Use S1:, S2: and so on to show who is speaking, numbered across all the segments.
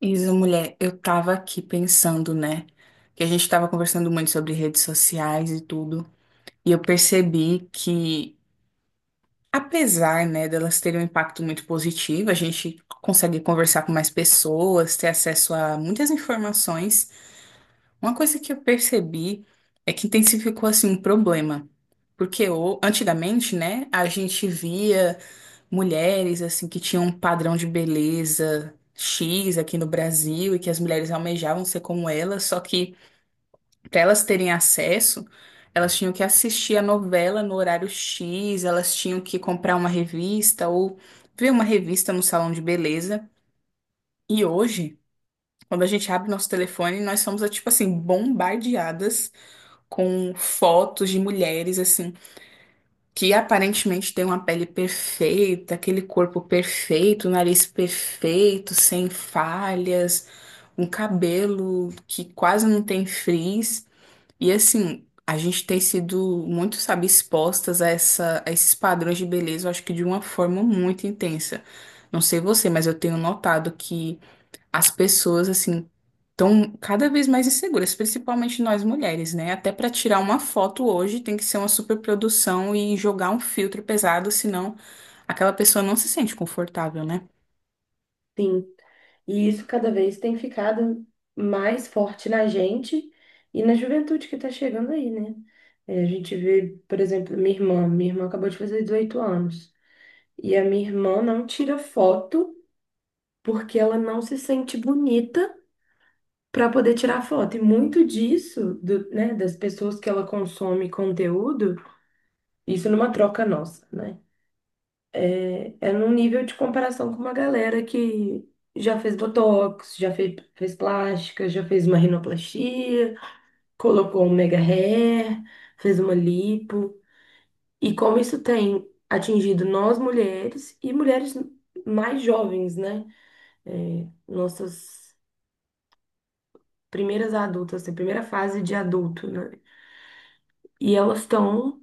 S1: Isa, mulher, eu tava aqui pensando, né? Que a gente tava conversando muito sobre redes sociais e tudo. E eu percebi que, apesar, né, delas terem um impacto muito positivo, a gente consegue conversar com mais pessoas, ter acesso a muitas informações. Uma coisa que eu percebi é que intensificou, assim, um problema. Porque antigamente, né, a gente via mulheres assim que tinham um padrão de beleza X aqui no Brasil e que as mulheres almejavam ser como elas, só que para elas terem acesso, elas tinham que assistir a novela no horário X, elas tinham que comprar uma revista ou ver uma revista no salão de beleza. E hoje, quando a gente abre nosso telefone, nós somos tipo assim bombardeadas com fotos de mulheres assim que aparentemente tem uma pele perfeita, aquele corpo perfeito, nariz perfeito, sem falhas, um cabelo que quase não tem frizz. E assim, a gente tem sido muito, sabe, expostas a esses padrões de beleza, eu acho que de uma forma muito intensa. Não sei você, mas eu tenho notado que as pessoas, assim, estão cada vez mais inseguras, principalmente nós mulheres, né? Até para tirar uma foto hoje tem que ser uma superprodução e jogar um filtro pesado, senão aquela pessoa não se sente confortável, né?
S2: Sim. E isso cada vez tem ficado mais forte na gente e na juventude que está chegando aí, né? A gente vê, por exemplo, minha irmã. Minha irmã acabou de fazer 18 anos. E a minha irmã não tira foto porque ela não se sente bonita para poder tirar foto. E muito disso, né, das pessoas que ela consome conteúdo, isso numa troca nossa, né? É num nível de comparação com uma galera que já fez botox, já fez, fez plástica, já fez uma rinoplastia, colocou um mega hair, fez uma lipo. E como isso tem atingido nós mulheres e mulheres mais jovens, né? É, nossas primeiras adultas, assim, primeira fase de adulto, né? E elas estão,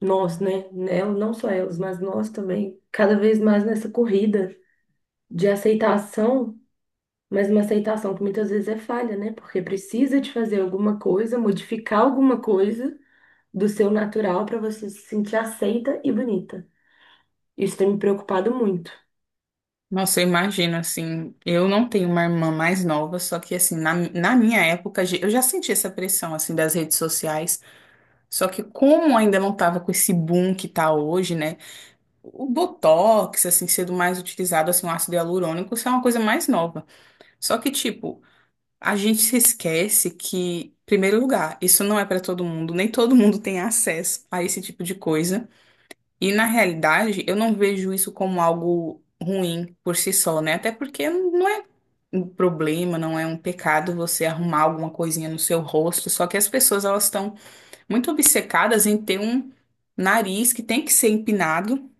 S2: nós, né? Elas, não só elas, mas nós também, cada vez mais nessa corrida de aceitação. Mas uma aceitação que muitas vezes é falha, né? Porque precisa de fazer alguma coisa, modificar alguma coisa do seu natural para você se sentir aceita e bonita. Isso tem me preocupado muito.
S1: Nossa, eu imagino assim, eu não tenho uma irmã mais nova, só que assim, na minha época, eu já senti essa pressão assim das redes sociais, só que como ainda não tava com esse boom que tá hoje, né? O Botox, assim, sendo mais utilizado, assim, o ácido hialurônico, isso é uma coisa mais nova. Só que, tipo, a gente se esquece que, em primeiro lugar, isso não é para todo mundo, nem todo mundo tem acesso a esse tipo de coisa. E na realidade, eu não vejo isso como algo ruim por si só, né? Até porque não é um problema, não é um pecado você arrumar alguma coisinha no seu rosto, só que as pessoas elas estão muito obcecadas em ter um nariz que tem que ser empinado,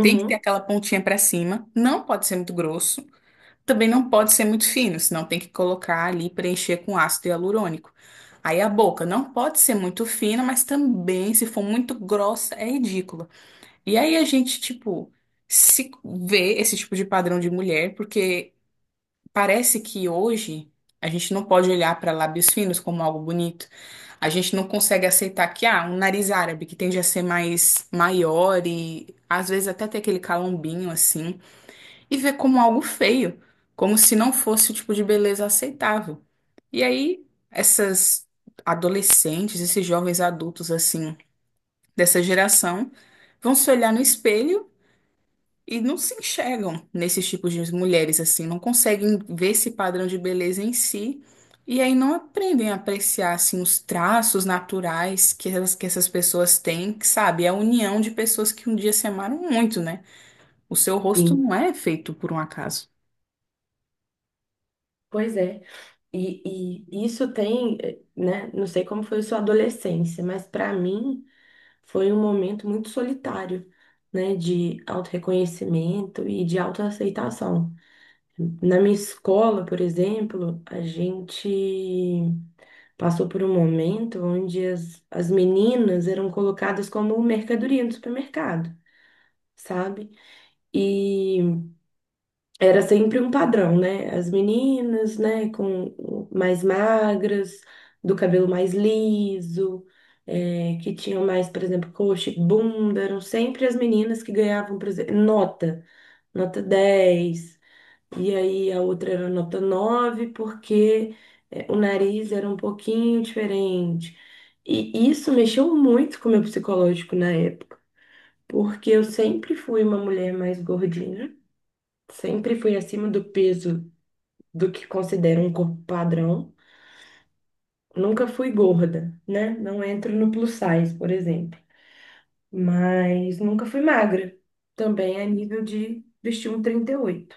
S1: tem que ter aquela pontinha para cima, não pode ser muito grosso. Também não pode ser muito fino, senão tem que colocar ali, preencher com ácido hialurônico. Aí a boca não pode ser muito fina, mas também, se for muito grossa, é ridícula. E aí a gente, tipo, se vê esse tipo de padrão de mulher, porque parece que hoje a gente não pode olhar para lábios finos como algo bonito. A gente não consegue aceitar que, ah, um nariz árabe que tende a ser mais maior e às vezes até ter aquele calombinho assim e vê como algo feio, como se não fosse o tipo de beleza aceitável. E aí, essas adolescentes, esses jovens adultos assim, dessa geração, vão se olhar no espelho e não se enxergam nesses tipos de mulheres assim, não conseguem ver esse padrão de beleza em si. E aí não aprendem a apreciar assim os traços naturais que essas pessoas têm, que, sabe? É a união de pessoas que um dia se amaram muito, né? O seu rosto
S2: sim.
S1: não é feito por um acaso.
S2: Pois é. E isso tem, né? Não sei como foi sua adolescência, mas para mim foi um momento muito solitário, né? De autorreconhecimento e de autoaceitação. Na minha escola, por exemplo, a gente passou por um momento onde as meninas eram colocadas como mercadoria no supermercado, sabe? E era sempre um padrão, né? As meninas, né, com mais magras, do cabelo mais liso, é, que tinham mais, por exemplo, coxa e bunda, eram sempre as meninas que ganhavam, por exemplo, nota, nota 10. E aí a outra era nota 9 porque é, o nariz era um pouquinho diferente. E isso mexeu muito com o meu psicológico na época, porque eu sempre fui uma mulher mais gordinha, sempre fui acima do peso do que considero um corpo padrão. Nunca fui gorda, né? Não entro no plus size, por exemplo. Mas nunca fui magra. Também a nível de vestir um 38,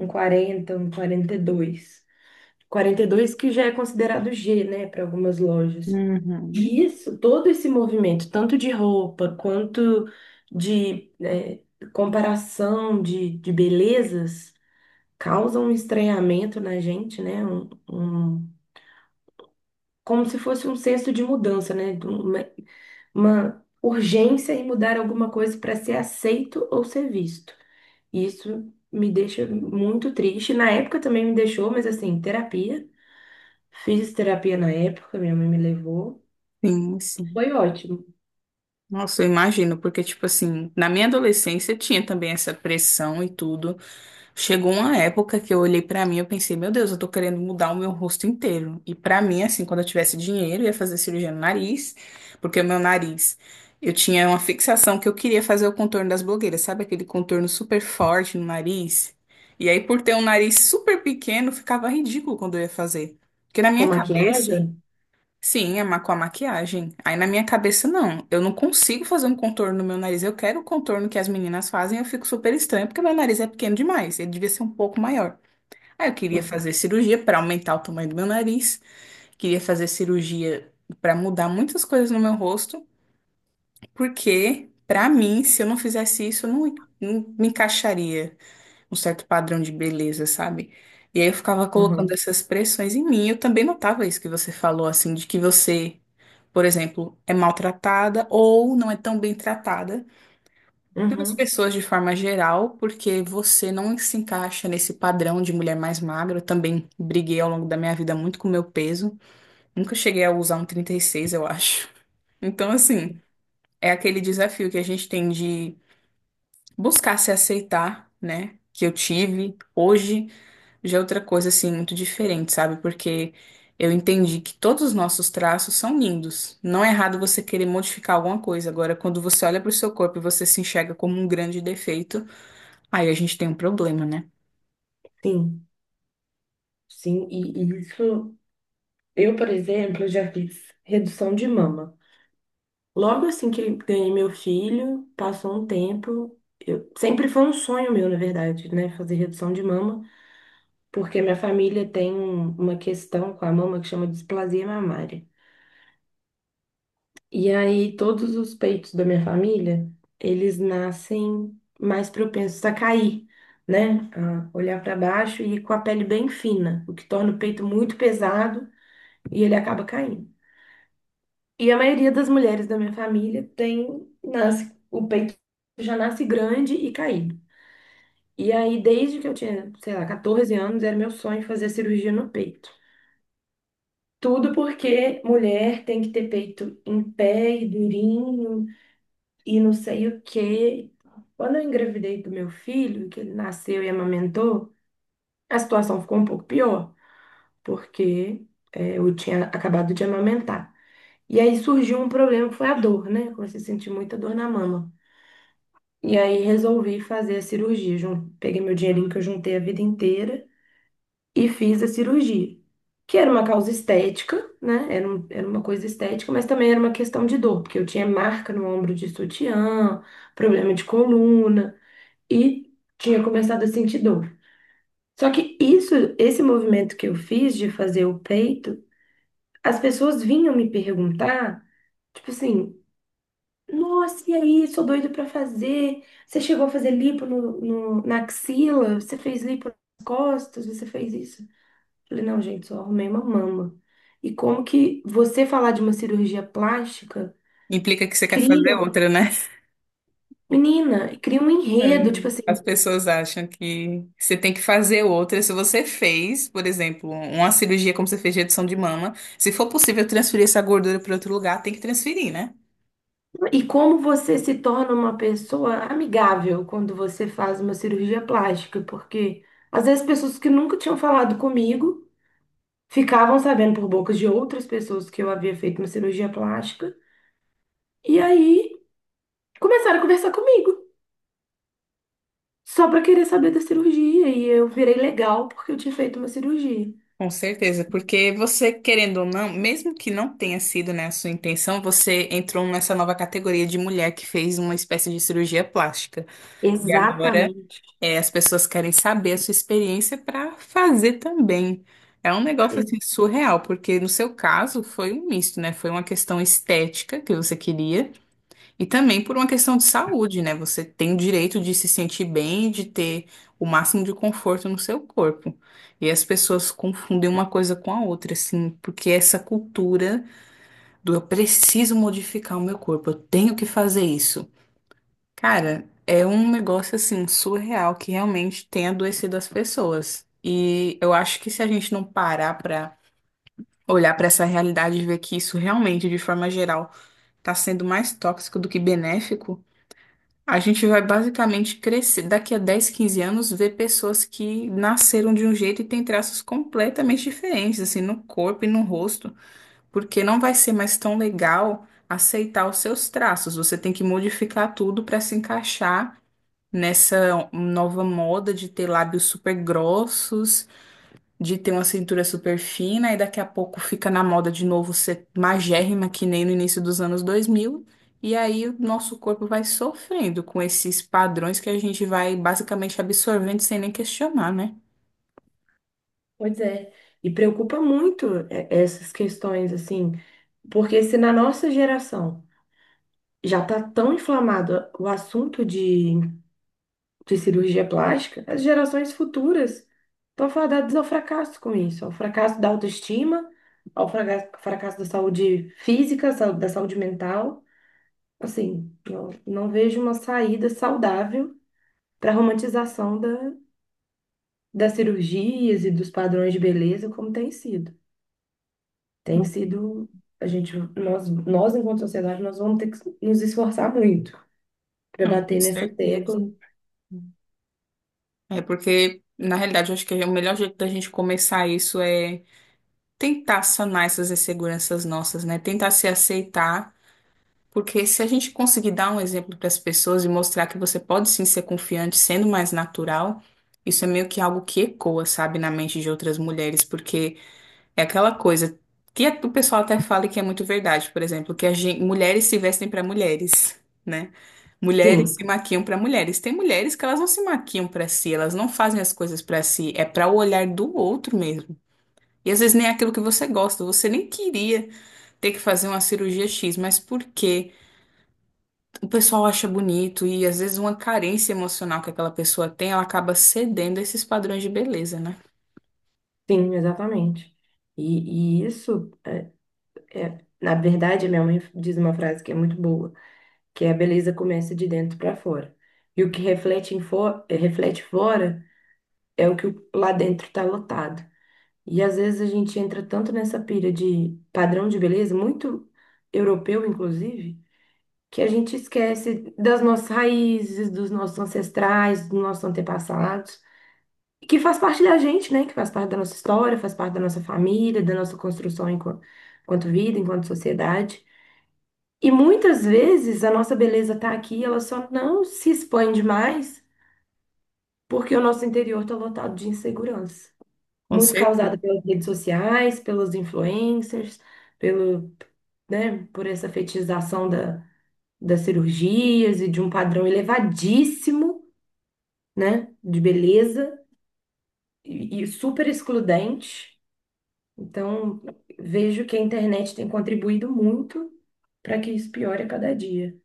S2: um 40, um 42, 42 que já é considerado G, né, para algumas lojas.
S1: Uhum.
S2: E isso, todo esse movimento, tanto de roupa quanto de comparação de belezas, causa um estranhamento na gente, né? Como se fosse um senso de mudança, né? De um, uma urgência em mudar alguma coisa para ser aceito ou ser visto. Isso me deixa muito triste. Na época também me deixou, mas assim, terapia. Fiz terapia na época, minha mãe me levou.
S1: Sim, sim.
S2: Foi ótimo.
S1: Nossa, eu imagino, porque, tipo assim, na minha adolescência tinha também essa pressão e tudo. Chegou uma época que eu olhei pra mim e eu pensei, meu Deus, eu tô querendo mudar o meu rosto inteiro. E pra mim, assim, quando eu tivesse dinheiro, eu ia fazer cirurgia no nariz, porque o meu nariz, eu tinha uma fixação que eu queria fazer o contorno das blogueiras, sabe? Aquele contorno super forte no nariz. E aí, por ter um nariz super pequeno, ficava ridículo quando eu ia fazer. Porque na
S2: Com
S1: minha
S2: maquiagem?
S1: cabeça, sim, é com a maquiagem. Aí na minha cabeça, não. Eu não consigo fazer um contorno no meu nariz. Eu quero o contorno que as meninas fazem, eu fico super estranha, porque meu nariz é pequeno demais. Ele devia ser um pouco maior. Aí eu queria fazer cirurgia para aumentar o tamanho do meu nariz, queria fazer cirurgia para mudar muitas coisas no meu rosto, porque, para mim, se eu não fizesse isso, eu não me encaixaria um certo padrão de beleza, sabe? E aí eu ficava colocando
S2: Uhum.
S1: essas pressões em mim. Eu também notava isso que você falou, assim, de que você, por exemplo, é maltratada ou não é tão bem tratada pelas
S2: Uhum.
S1: pessoas de forma geral, porque você não se encaixa nesse padrão de mulher mais magra. Eu também briguei ao longo da minha vida muito com o meu peso. Nunca cheguei a usar um 36, eu acho. Então, assim, é aquele desafio que a gente tem de buscar se aceitar, né? Que eu tive hoje. Já é outra coisa, assim, muito diferente, sabe? Porque eu entendi que todos os nossos traços são lindos. Não é errado você querer modificar alguma coisa. Agora, quando você olha para o seu corpo e você se enxerga como um grande defeito, aí a gente tem um problema, né?
S2: Sim, sim. E isso, eu, por exemplo, já fiz redução de mama. Logo assim que ganhei meu filho, passou um tempo. Eu, sempre foi um sonho meu, na verdade, né? Fazer redução de mama, porque minha família tem uma questão com a mama que chama displasia mamária. E aí, todos os peitos da minha família, eles nascem mais propensos a cair, né? A olhar para baixo e com a pele bem fina, o que torna o peito muito pesado e ele acaba caindo. E a maioria das mulheres da minha família tem, nasce, o peito já nasce grande e caído. E aí, desde que eu tinha, sei lá, 14 anos, era meu sonho fazer cirurgia no peito. Tudo porque mulher tem que ter peito em pé e durinho, e não sei o quê. Quando eu engravidei do meu filho, que ele nasceu e amamentou, a situação ficou um pouco pior, porque eu tinha acabado de amamentar. E aí surgiu um problema que foi a dor, né? Eu comecei a sentir muita dor na mama. E aí resolvi fazer a cirurgia. Peguei meu dinheirinho que eu juntei a vida inteira e fiz a cirurgia. Que era uma causa estética, né? Era, era uma coisa estética, mas também era uma questão de dor, porque eu tinha marca no ombro de sutiã, problema de coluna, e tinha começado a sentir dor. Só que isso, esse movimento que eu fiz de fazer o peito, as pessoas vinham me perguntar, tipo assim, nossa, e aí, sou doido pra fazer. Você chegou a fazer lipo no, na axila? Você fez lipo nas costas? Você fez isso? Eu falei, não, gente, só arrumei uma mama. E como que você falar de uma cirurgia plástica
S1: Implica que você quer
S2: cria,
S1: fazer outra, né?
S2: menina, cria um
S1: É.
S2: enredo, tipo assim.
S1: As pessoas acham que você tem que fazer outra. Se você fez, por exemplo, uma cirurgia como você fez de redução de mama, se for possível transferir essa gordura para outro lugar, tem que transferir, né?
S2: E como você se torna uma pessoa amigável quando você faz uma cirurgia plástica? Porque às vezes pessoas que nunca tinham falado comigo ficavam sabendo por bocas de outras pessoas que eu havia feito uma cirurgia plástica e aí começaram a conversar comigo só para querer saber da cirurgia e eu virei legal porque eu tinha feito uma cirurgia.
S1: Com certeza, porque você, querendo ou não, mesmo que não tenha sido, né, a sua intenção, você entrou nessa nova categoria de mulher que fez uma espécie de cirurgia plástica. E agora,
S2: Exatamente.
S1: é, as pessoas querem saber a sua experiência para fazer também. É um negócio assim surreal, porque no seu caso foi um misto, né? Foi uma questão estética que você queria. E também por uma questão de saúde, né? Você tem o direito de se sentir bem, de ter o máximo de conforto no seu corpo. E as pessoas confundem uma coisa com a outra, assim, porque essa cultura do eu preciso modificar o meu corpo, eu tenho que fazer isso. Cara, é um negócio assim surreal que realmente tem adoecido as pessoas. E eu acho que se a gente não parar pra olhar pra essa realidade e ver que isso realmente, de forma geral, tá sendo mais tóxico do que benéfico, a gente vai basicamente crescer, daqui a 10, 15 anos, ver pessoas que nasceram de um jeito e têm traços completamente diferentes, assim, no corpo e no rosto, porque não vai ser mais tão legal aceitar os seus traços. Você tem que modificar tudo para se encaixar nessa nova moda de ter lábios super grossos, de ter uma cintura super fina e daqui a pouco fica na moda de novo ser magérrima, que nem no início dos anos dois mil. E aí o nosso corpo vai sofrendo com esses padrões que a gente vai basicamente absorvendo sem nem questionar, né?
S2: Pois é. E preocupa muito é, essas questões assim, porque se na nossa geração já está tão inflamado o assunto de cirurgia plástica, as gerações futuras estão fadadas ao fracasso com isso, ao fracasso da autoestima, ao fracasso da saúde física, da saúde mental. Assim, não, não vejo uma saída saudável para a romantização da, das cirurgias e dos padrões de beleza como tem sido. Tem
S1: Não.
S2: sido, a gente, nós enquanto sociedade, nós vamos ter que nos esforçar muito para
S1: Não, com
S2: bater nessa tecla.
S1: certeza. É porque, na realidade, eu acho que o melhor jeito da gente começar isso é tentar sanar essas inseguranças nossas, né? Tentar se aceitar. Porque se a gente conseguir dar um exemplo para as pessoas e mostrar que você pode sim ser confiante sendo mais natural, isso é meio que algo que ecoa, sabe, na mente de outras mulheres, porque é aquela coisa que o pessoal até fala e que é muito verdade, por exemplo, que a mulheres se vestem para mulheres, né? Mulheres
S2: Sim,
S1: se maquiam para mulheres. Tem mulheres que elas não se maquiam para si, elas não fazem as coisas para si, é para o olhar do outro mesmo. E às vezes nem é aquilo que você gosta, você nem queria ter que fazer uma cirurgia X, mas por quê? O pessoal acha bonito e às vezes uma carência emocional que aquela pessoa tem, ela acaba cedendo a esses padrões de beleza, né?
S2: sim, exatamente. E isso é, na verdade, minha mãe diz uma frase que é muito boa, que é a beleza começa de dentro para fora. E o que reflete em reflete fora é o que lá dentro está lotado. E às vezes a gente entra tanto nessa pira de padrão de beleza, muito europeu, inclusive, que a gente esquece das nossas raízes, dos nossos ancestrais, dos nossos antepassados, que faz parte da gente, né? Que faz parte da nossa história, faz parte da nossa família, da nossa construção enquanto, enquanto vida, enquanto sociedade. E muitas vezes a nossa beleza tá aqui, ela só não se expande mais porque o nosso interior tá lotado de insegurança,
S1: Com
S2: muito causada
S1: certeza.
S2: pelas redes sociais, pelos influencers, pelo, né, por essa fetização da, das cirurgias e de um padrão elevadíssimo, né, de beleza e super excludente. Então, vejo que a internet tem contribuído muito para que isso piore a cada dia.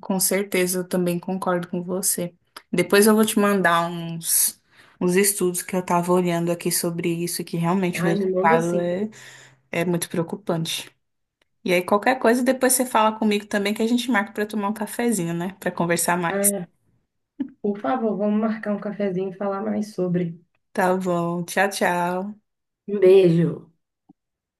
S1: Com certeza, eu também concordo com você. Depois eu vou te mandar uns, estudos que eu tava olhando aqui sobre isso, que realmente o
S2: Ai, me manda
S1: resultado
S2: assim.
S1: é muito preocupante. E aí, qualquer coisa, depois você fala comigo também que a gente marca pra tomar um cafezinho, né? Pra conversar mais.
S2: Ah, por favor, vamos marcar um cafezinho e falar mais sobre.
S1: Tá bom. Tchau, tchau.
S2: Um beijo.